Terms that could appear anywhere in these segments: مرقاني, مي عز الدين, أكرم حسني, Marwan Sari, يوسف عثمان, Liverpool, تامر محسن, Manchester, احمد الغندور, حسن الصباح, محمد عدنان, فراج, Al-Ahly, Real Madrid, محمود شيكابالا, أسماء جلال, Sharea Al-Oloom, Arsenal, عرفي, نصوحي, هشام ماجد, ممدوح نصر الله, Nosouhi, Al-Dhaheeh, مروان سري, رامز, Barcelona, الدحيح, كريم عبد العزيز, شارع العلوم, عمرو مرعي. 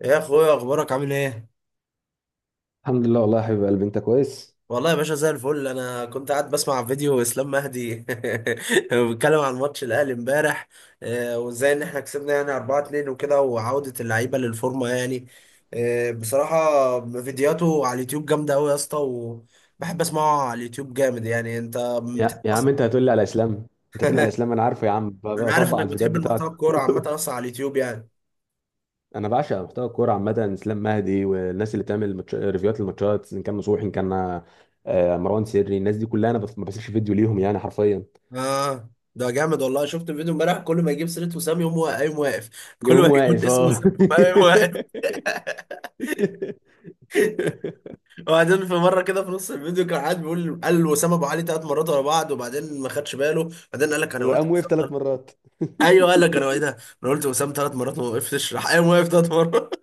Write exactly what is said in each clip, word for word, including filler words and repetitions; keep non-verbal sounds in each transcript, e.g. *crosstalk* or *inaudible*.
يا اخويا، اخبارك عامل ايه؟ الحمد لله والله يا حبيب قلبي، انت كويس؟ والله يا باشا زي الفل. انا كنت قاعد بسمع فيديو اسلام مهدي *laughs* بيتكلم عن ماتش الاهلي امبارح. آه، وازاي ان احنا كسبنا يعني اربعة لاتنين وكده، وعودة اللعيبة للفورمة يعني. آه، بصراحة فيديوهاته على اليوتيوب جامدة قوي يا اسطى، وبحب اسمعه على اليوتيوب جامد يعني. انت بتحب يا يا عم اصلا؟ انت هتقول لي على اسلام، انت هتقول لي على اسلام انا عارفه يا عم. ب- انا عارف بطبق انك على الفيديوهات بتحب المحتوى بتاعته. الكورة عامة *laughs* اصلا على اليوتيوب يعني. انا بعشق محتوى الكوره عامه، اسلام مهدي والناس اللي بتعمل ماتش... ريفيوهات للماتشات، ان كان نصوحي، ان كان آه، مروان سري، الناس دي كلها انا بف... ما بسيبش فيديو ليهم يعني حرفيا. اه، ده جامد والله. شفت الفيديو امبارح، كل ما يجيب سيرة وسام يقوم وا- يقوم واقف. كل يقوم ما يقول واقف، اسم اه. وسام يقوم *laughs* واقف. *laughs* وبعدين في مره كده في نص الفيديو كان قاعد بيقول، قال وسام ابو علي ثلاث مرات ورا بعض وبعدين ما خدش باله. بعدين قال لك انا قلت قام وقف وسام ثلاث تلات- مرات. ايوه قال لك انا ايه ده، انا قلت وسام ثلاث مرات وما وقفتش راح قايم واقف ثلاث مرات.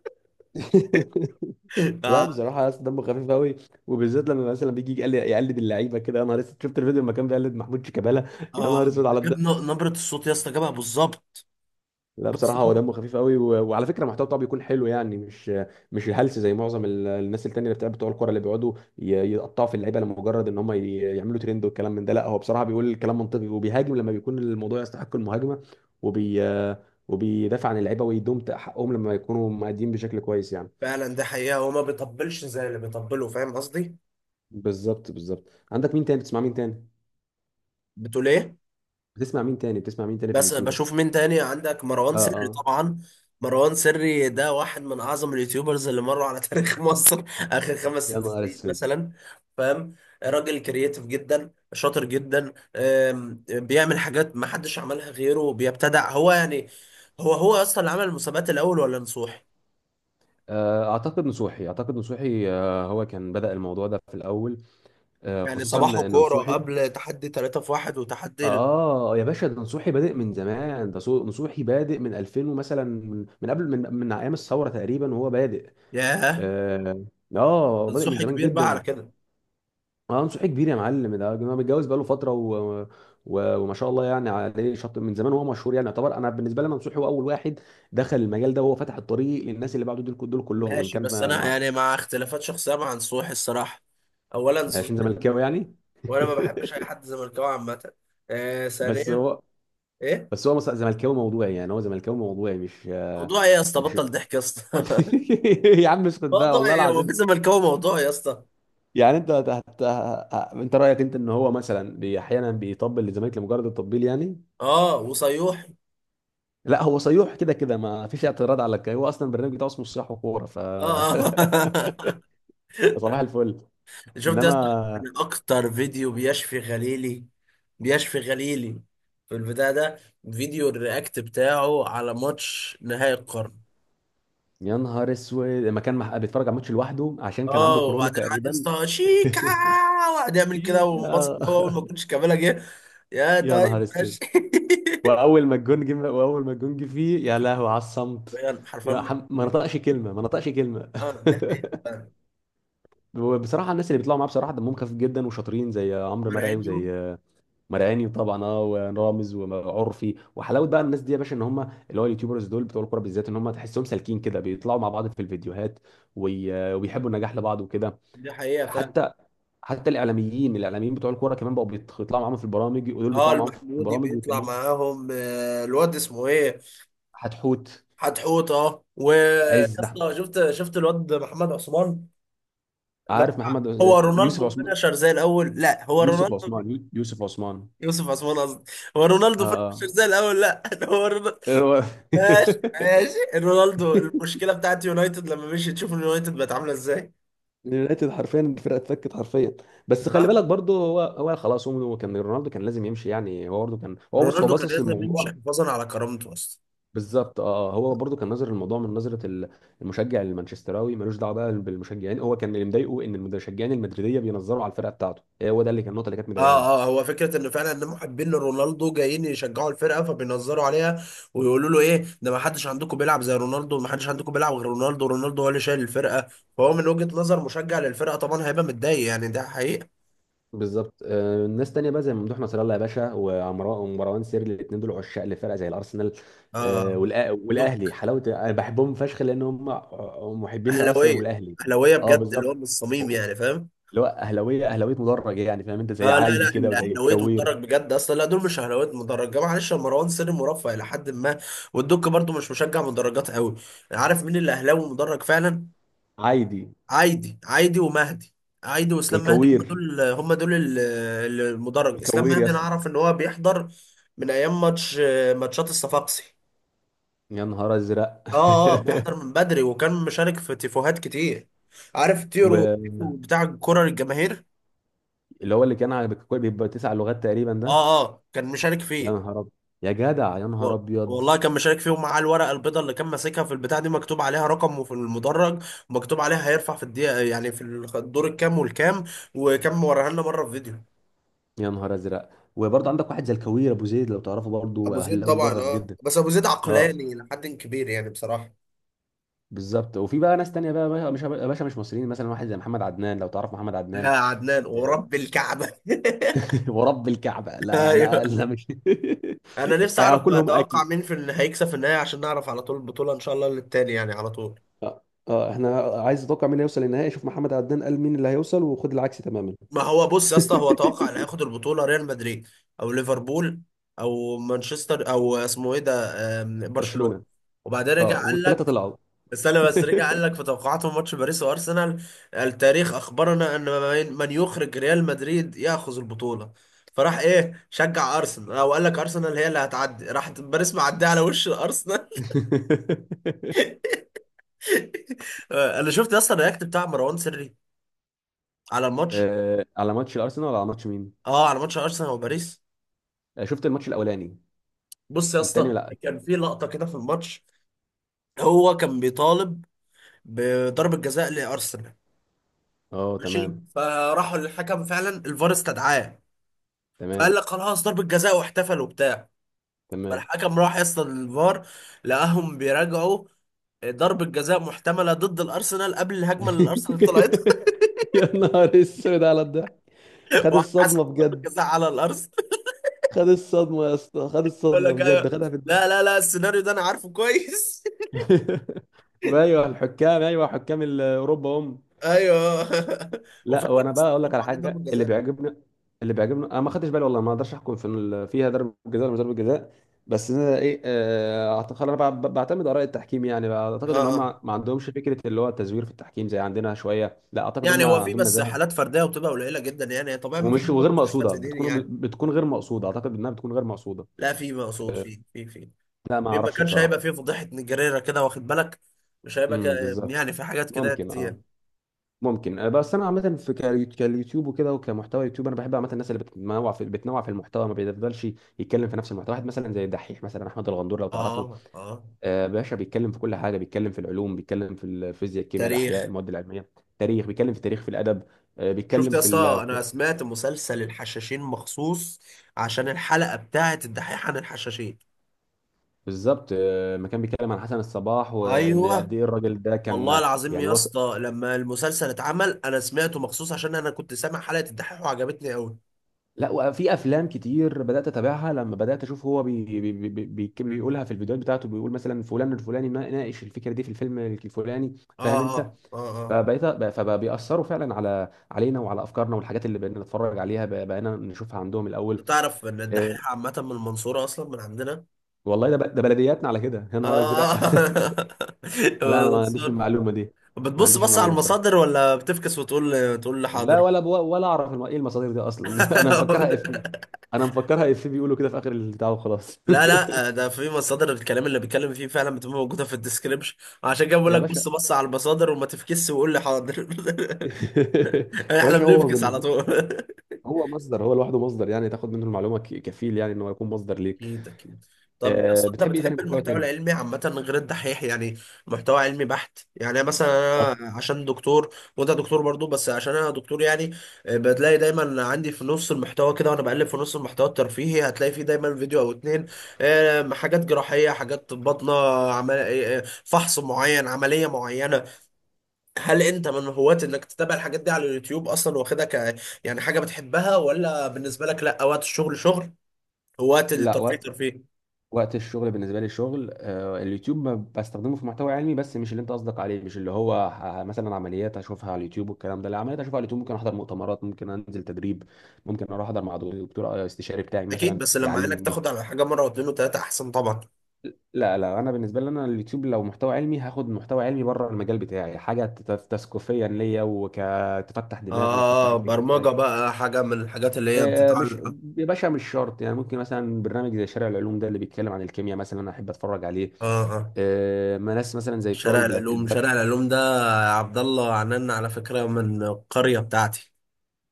*laughs* *laughs* لا اه. بصراحه يا اسطى دمه خفيف قوي، وبالذات لما مثلا بيجي يقل- يقلد اللعيبه كده. يا نهار اسود، شفت الفيديو لما كان بيقلد محمود شيكابالا. يا نهار آه، اسود ده على جاب الضحك. ن- نبره الصوت يا اسطى، جابها بالظبط. لا بصراحه هو بالظبط. دمه خفيف قوي. و... وعلى فكره المحتوى بتاعه بيكون حلو يعني، مش مش الهلس زي معظم ال- الناس التانيه اللي بتاع بتوع الكوره، اللي بيقعدوا ي... يقطعوا في اللعيبه لمجرد ان هم ي... يعملوا ترند والكلام من ده. لا هو بصراحه بيقول الكلام منطقي، وبيهاجم لما بيكون الموضوع يستحق المهاجمه، وبي وبيدافع عن اللعيبه ويدوم حقهم لما يكونوا مادين بشكل كويس يعني. فعلا ده حقيقه، هو ما بيطبلش زي اللي بيطبله، فاهم قصدي؟ بالظبط، بالظبط. عندك مين تاني بتسمع؟ مين تاني بتقول ايه؟ بتسمع؟ مين تاني بتسمع مين تاني في بس اليوتيوبرز؟ بشوف مين تاني عندك، مروان اه، سري اه. طبعا. مروان سري ده واحد من اعظم اليوتيوبرز اللي مروا على تاريخ *laughs* مصر، اخر خمس يا ست نهار سنين اسود. مثلا، فاهم؟ راجل كرييتيف جدا، شاطر جدا، أم، بيعمل حاجات ما حدش عملها غيره، بيبتدع هو يعني. هو هو اصلا اللي عمل المسابقات الاول ولا نصوحي؟ آه، اعتقد نصوحي اعتقد نصوحي. آه، هو كان بدأ الموضوع ده في الاول. آه، يعني خصوصا صباحه ان كوره نصوحي. قبل تحدي ثلاثة في واحد وتحدي ال- اه يا باشا، ده نصوحي بادئ من زمان، ده صو- نصوحي بادئ من ألفين، ومثلا من من قبل، من من ايام الثوره تقريبا وهو بادئ. ياه، اه. آه، بادئ من نصوحي زمان كبير بقى على جدا. كده. اه نصوحي كبير يا معلم، ده ده متجوز بقاله فتره. و... و... وما شاء الله يعني عليه، شط من زمان وهو مشهور، يعني يعتبر، انا بالنسبه لي منصور هو اول واحد دخل المجال ده، وهو فتح الطريق للناس اللي بعده، دول دول كلهم، ان ماشي، كان بس ما... انا ما- يعني مع اختلافات شخصيه مع نصوحي الصراحه. اولا عشان سوزوكي زملكاوي زملكاوي، يعني. وانا ما بحبش اي حد زملكاوي عامه. آه، *laughs* بس ثانيا. هو ايه؟ بس هو مص- زملكاوي موضوعي، يعني هو زملكاوي موضوعي، مش موضوع ايه يا اسطى، مش بطل ضحك يا اسطى. *laughs* *laughs* يا عم اسكت بقى موضوع والله ايه، هو في العظيم. زملكاوي موضوع يا اسطى؟ يعني انت هت... هت... ه- انت رايك انت ان هو مثلا بي- احيانا بيطبل للزمالك لمجرد التطبيل يعني. اه، وصيوحي. لا، هو صيوح كده كده ما فيش اعتراض على الك- هو اصلا البرنامج بتاعه اسمه صياح وكوره، ف اه *laughs* آه. صباح الفل. *laughs* شفت يا اسطى؟ انما من اكتر فيديو بيشفي غليلي، بيشفي غليلي، في البتاع ده، فيديو الرياكت بتاعه على ماتش نهائي القرن. يا نهار اسود، لما كان مح- بيتفرج على ماتش لوحده عشان كان اه عنده كورونا وبعدين قعد تقريبا. يسطا شيكا، *laughs* وقعد يعمل كده وانبسط، شيكا. هو اول ما كنتش كامله جه. يا يا طيب نهار اسود. ماشي. *laughs* واول ما الجون جه واول ما الجون جه فيه، يا لهوي على الصمت. فعلا، حرفيا يا ما حم... ما اتكلم. نطقش كلمه، ما نطقش كلمه. اه دي حقيقه فعلا. *laughs* بصراحه الناس اللي بيطلعوا معاه بصراحه دمهم خفيف جدا وشاطرين، زي عمرو مرعي مرعينيو. وزي مرقاني طبعا، اه، ورامز وعرفي وحلاوه بقى. اه الناس دي يا باشا ان هم، اللي هو اليوتيوبرز دول بتوع الكوره بالذات، ان هم تحسهم سالكين كده بيطلعوا مع بعض في الفيديوهات، وي- وبيحبوا النجاح لبعض وكده. دي حقيقه فعلا. حتى، حتى الاعلاميين الاعلاميين بتوع الكوره كمان بقوا بيط- بيطلعوا معاهم في البرامج، ودول اه، بيطلعوا معاهم في المحمودي البرامج بيطلع والتانيين. معاهم. آه، الواد اسمه ايه؟ حتحوت. حتحوطه. ويا عز أحمد- اسطى شفت، شفت الواد محمد عثمان؟ لا عارف محمد، آه، هو يوسف رونالدو عثمان فينشر زي الاول، لا هو يوسف رونالدو. عثمان يوسف عثمان. يوسف عثمان قصدي. هو رونالدو فينشر اه، زي الاول، لا، *laughs* هو رونالدو. اه. ماشي *laughs* ماشي، رونالدو المشكله بتاعت يونايتد لما مشي تشوف اليونايتد بقت عامله ازاي. اليونايتد حرفيا الفرقه اتفكت حرفيا. بس خلي ها. بالك برضه، هو هو خلاص، هو كان، رونالدو كان لازم يمشي يعني، هو برضه كان، هو بص، هو رونالدو كان باصص لازم للموضوع. يمشي حفاظا على كرامته اصلا. بالظبط، اه. آه، هو برضه كان نظر الموضوع من نظره ال- المشجع المانشستراوي، ملوش دعوه بقى بالمشجعين. هو كان اللي مضايقه ان المشجعين المدريديه بينظروا على الفرقه بتاعته، هو ده اللي كان النقطه اللي كانت اه مضايقاه. اه، هو فكره ان فعلا ان محبين لرونالدو جايين يشجعوا الفرقه فبينظروا عليها، ويقولوا له ايه ده، ما حدش عندكم بيلعب زي رونالدو، ما حدش عندكم بيلعب غير رونالدو، رونالدو هو اللي شايل الفرقه. فهو من وجهه نظر مشجع للفرقه طبعا هيبقى متضايق يعني، ده حقيقه. بالظبط. آه، ناس تانية بقى زي ممدوح نصر الله يا باشا، وعمرو- ومروان سيري، الاثنين دول عشاق لفرقه زي الارسنال. آه، اه. والأ- والاهلي. دوك. حلاوه انا بحبهم فشخ لان هم محبين للارسنال اهلاويه، والاهلي. اهلاويه اه بجد اللي هو بالظبط، من الصميم يعني، فاهم؟ اللي هو اهلاويه اهلاويه مدرج يعني، فاهم انت، زي اه، لا عايدي لا، كده وزي الاهلاويات الكوير. مدرج بجد اصلا، لا دول مش اهلاويات مدرج. جمال معلش يا مروان سري، مرفه الى حد ما. والدك برضو مش مشجع مدرجات قوي. عارف مين اللي اهلاوي مدرج فعلا؟ عايدي، عايدي. عايدي ومهدي. عايدي واسلام مهدي، هم والكوير دول هم دول ال- ال- المدرج. اسلام والكوير يا مهدي انا اسطى. اعرف ان هو بيحضر من ايام ماتش ماتشات الصفاقسي. يا نهار ازرق. اه اه، بيحضر *laughs* من بدري وكان مشارك في تيفوهات كتير. عارف تيرو واللي بتاع الكرة للجماهير؟ هو اللي كان على، بيبقى تسع لغات تقريبا اه ده. اه كان مشارك يا فيه. نهار ابيض، يا جدع يا نهار وال- ابيض. والله كان مشارك فيهم، معاه الورقه البيضاء اللي كان ماسكها في البتاع دي، مكتوب عليها رقم وفي المدرج، ومكتوب عليها هيرفع في الدقيقه يعني في الدور الكام والكام، وكان موريها لنا مره في فيديو. يا نهار ازرق. وبرضه عندك واحد زي الكوير ابو زيد لو تعرفه، برضه ابو زيد اهلاوي طبعا، مدرج اه جدا. بس ابو زيد اه عقلاني لحد كبير يعني بصراحه. بالظبط. وفي بقى ناس تانية بقى بقى- مش يا باشا، مش مصريين، مثلا واحد زي محمد عدنان لو تعرف محمد يا عدنان. عدنان ورب *laughs* الكعبه. ورب الكعبة، *laughs* لا ايوه. لا لا مش انا *laughs* نفسي اعرف هاكلهم اتوقع اكل. مين في اللي هيكسب في النهايه، عشان نعرف على طول البطوله ان شاء الله للتاني يعني على طول. اه. آه، احنا عايز اتوقع مين هيوصل للنهائي، شوف محمد عدنان قال مين اللي هيوصل وخد العكس تماما. ما هو بص يا اسطى، *laughs* هو توقع اللي هياخد البطوله ريال مدريد، او ليفربول، او مانشستر، او اسمه ايه ده، آم، برشلونه. برشلونة. وبعدين اه، رجع قال والثلاثة لك، طلعوا. استنى بس، رجع قال لك في توقعاته ماتش باريس وارسنال، التاريخ اخبرنا ان من من يخرج ريال مدريد ياخذ البطوله، فراح ايه، شجع ارسنال، او قال لك ارسنال هي اللي هتعدي، راح باريس معديه على وش الارسنال. *laughs* *laughs* انا شفت يا اسطى الرياكت بتاع مروان سري على الماتش. آه، على ماتش الارسنال ولا على ماتش مين؟ اه على ماتش ارسنال وباريس. آه، شفت الماتش الاولاني. بص يا التاني اسطى، لا. كان في لقطه كده في الماتش، هو كان بيطالب بضربة جزاء لأرسنال. اه ماشي، تمام. فراحوا للحكم فعلا الفار استدعاه، تمام. فقال لك خلاص ضربة جزاء واحتفل وبتاع. تمام. فالحكم راح يصل الفار، لقاهم بيراجعوا ضربة جزاء محتملة ضد الأرسنال قبل الهجمة اللي الأرسنال طلعت. *laughs* يا نهار اسود على الضحك. *laughs* خد وهتحسب الصدمة ضربة بجد. جزاء *laughs* على الأرسنال. خد الصدمة يا اسطى، خد يقول الصدمة لك بجد، أيوه. خدها في دماغه. لا لا لا، السيناريو ده أنا عارفه كويس. *laughs* ايوه الحكام، ايوه حكام ال- اوروبا هم. *laughs* أيوه. *laughs* لا، وفعلا وانا بقى اقول لك حسبوا على عليه ضربة حاجه اللي جزاء. بيعجبني اللي بيعجبني انا، ما خدتش بالي والله، ما اقدرش احكم في ال- فيها ضربه جزاء ولا مش ضربه جزاء. بس انا ايه، آه، اعتقد انا بع- بعتمد اراء التحكيم، يعني اه اعتقد ان هم آه. ما عندهمش فكره اللي هو التزوير في التحكيم زي عندنا شويه، لا اعتقد يعني هم هو في عندهم بس نزاهه. حالات فرديه، وبتبقى قليله جدا يعني، طبيعي، ما فيش ومش ما وغير فيش مقصوده، فساد ديني بتكون يعني. بتكون غير مقصوده، اعتقد انها بتكون غير مقصوده. لا في مقصود، في في في لا ما في ما اعرفش كانش هيبقى بصراحه. فيه فضيحه نجاريره كده، واخد بالك؟ مش هيبقى ك... امم بالظبط. يعني في حاجات كده ممكن، اه. كتير. ممكن، آه، بس انا عامه في كاليو- كاليوتيوب وكده وكمحتوى يوتيوب، انا بحب عامه الناس اللي بتنوع في بتنوع في المحتوى، ما بيفضلش يتكلم في نفس المحتوى، واحد مثلا زي الدحيح، مثلا احمد الغندور لو تعرفه. اه اه. آه باشا بيتكلم في كل حاجه، بيتكلم في العلوم، بيتكلم في الفيزياء، الكيمياء، الاحياء، تاريخ. المواد العلميه. تاريخ، بيتكلم في التاريخ، في الادب. آه شفت بيتكلم يا في اسطى، ال... انا سمعت مسلسل الحشاشين مخصوص عشان الحلقه بتاعت الدحيح عن الحشاشين. بالظبط. آه ما كان بيتكلم عن حسن الصباح وان قد ايوه. ايه الراجل ده والله كان، العظيم يعني يا وصل. اسطى لما المسلسل اتعمل انا سمعته مخصوص عشان انا كنت سامع حلقه الدحيح وعجبتني قوي. لا، وفي افلام كتير بدات اتابعها، لما بدات اشوف هو بي بي بي بي بي- بيقولها في الفيديوهات بتاعته، بيقول مثلا فلان الفلاني ما ناقش الفكره دي في الفيلم الفلاني، فاهم اه انت. اه اه اه. فبقيت فبيأثروا فعلا على علينا، وعلى افكارنا والحاجات اللي بقينا نتفرج عليها، بق- بقينا نشوفها عندهم انت الاول. تعرف ان الدحيح إيه؟ عامة من المنصورة اصلا، من عندنا؟ والله ده، ب- ده بلدياتنا على كده، يا نهار ازرق. *laughs* اه. *laughs* لا انا ما عنديش المنصورة. المعلومه دي، ما بتبص عنديش بص المعلومه على دي بصراحه. المصادر ولا بتفكس وتقول تقول لي لا، حاضر؟ ولا بو ولا اعرف الم- ايه المصادر دي اصلا. *laughs* انا مفكرها افيه، *laughs* انا مفكرها افيه، بيقولوا كده في اخر البتاع وخلاص. لا لا، آه، *laughs* ده في مصادر الكلام اللي بيتكلم فيه فعلا، بتبقى موجودة في الديسكريبشن. عشان كده بقول يا لك باشا. بص بص على المصادر وما تفكس وقول لي حاضر. *laughs* *laughs* يا احنا باشا، هو بنفكس على بالنسبه، طول. هو مصدر، هو لوحده مصدر يعني، تاخد منه المعلومه ك- كفيل يعني ان هو يكون مصدر ليك. اكيد اكيد. طب يا أه، اسطى انت بتحب ايه تاني، بتحب محتوى المحتوى تاني؟ العلمي عامة غير الدحيح يعني؟ محتوى علمي بحت يعني، أنا مثلا، وقت أنا عشان دكتور وانت دكتور برضو، بس عشان انا دكتور يعني، آه، بتلاقي دايما عندي في نص المحتوى كده، وانا بقلب في نص المحتوى الترفيهي هتلاقي فيه دايما فيديو او اتنين، آه، حاجات جراحية، حاجات باطنة، عمل... آه، آه، فحص معين، عملية معينة. هل انت من هواة انك تتابع الحاجات دي على اليوتيوب اصلا واخدها ك، يعني حاجة بتحبها؟ ولا بالنسبة لك لا، وقت الشغل شغل، هواة لا، الترفيه وقت ترفيه؟ وقت الشغل بالنسبه لي الشغل. أه اليوتيوب ما بستخدمه في محتوى علمي، بس مش اللي انت قصدك عليه، مش اللي هو ه- مثلا عمليات اشوفها على اليوتيوب والكلام ده، لا، عمليات اشوفها على اليوتيوب ممكن احضر مؤتمرات، ممكن انزل تدريب، ممكن اروح احضر مع دكتور آه، استشاري بتاعي اكيد مثلا بس لما عينك يعلمني. تاخد على حاجه مره واتنين وتلاته احسن طبعا. لا لا، انا بالنسبه لي انا، اليوتيوب لو محتوى علمي هاخد محتوى علمي بره المجال بتاعي، حاجه تت- تثقيفيا ليا وتفتح دماغي وتفتح اه، الفكر برمجه بتاعي. بقى، حاجه من الحاجات اللي هي آه، مش بتتعلق. اه. يا باشا، مش شرط يعني، ممكن مثلا برنامج زي شارع العلوم ده اللي بيتكلم عن الكيمياء مثلا انا احب اتفرج عليه. اه آه. آه، ما ناس مثلا زي بتوع شارع البلاد، العلوم، البلاد. شارع العلوم ده، يا عبد الله، عننا على فكره، من القريه بتاعتي.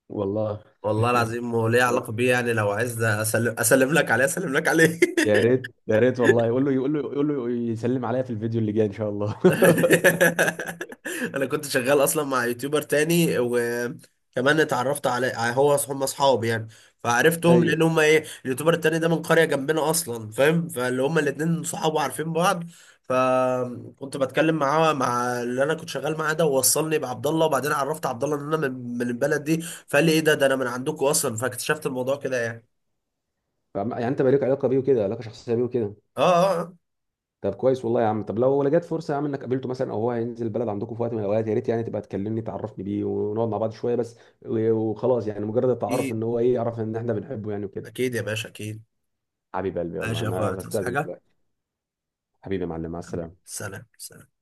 والله. والله *laughs* العظيم، وليه علاقه بيه يعني، لو عايز اسلم، اسلم لك عليه، اسلم لك عليه. يا *laughs* ريت يا ريت والله، يقول له يقول له يقول له يسلم عليا في الفيديو اللي جاي ان شاء الله. *laughs* انا كنت شغال اصلا مع يوتيوبر تاني، وكمان اتعرفت على هو أص- هم اصحاب يعني، *laughs* فعرفتهم لان ايوه. هم ايه، اليوتيوبر التاني ده من قرية جنبنا اصلا، فاهم؟ فاللي هم الاتنين صحاب وعارفين بعض، فكنت بتكلم معاه، مع اللي انا كنت شغال معاه ده، ووصلني بعبد الله، وبعدين عرفت عبد الله ان انا من من البلد دي، فقال لي ايه ده ده انا من عندكم اصلا، فاكتشفت الموضوع كده يعني. فعم- يعني انت بقى لك علاقه بيه وكده، علاقه شخصيه بيه وكده. اه اه آه. طب كويس والله يا عم، طب لو لو جت فرصه يا عم انك قابلته مثلا، او هو هينزل البلد عندكم في وقت من الاوقات، يا ريت يعني تبقى تكلمني، تعرفني بيه ونقعد مع بعض شويه بس. و- وخلاص يعني، مجرد التعرف، ان اكيد هو ايه، يعرف ان احنا بنحبه يعني وكده. اكيد يا باشا اكيد. حبيب قلبي، يلا ماشي يا اخويا انا تصحى هستاذن حاجة. دلوقتي. حبيبي يا معلم، مع حبيبي السلامه. سلام سلام.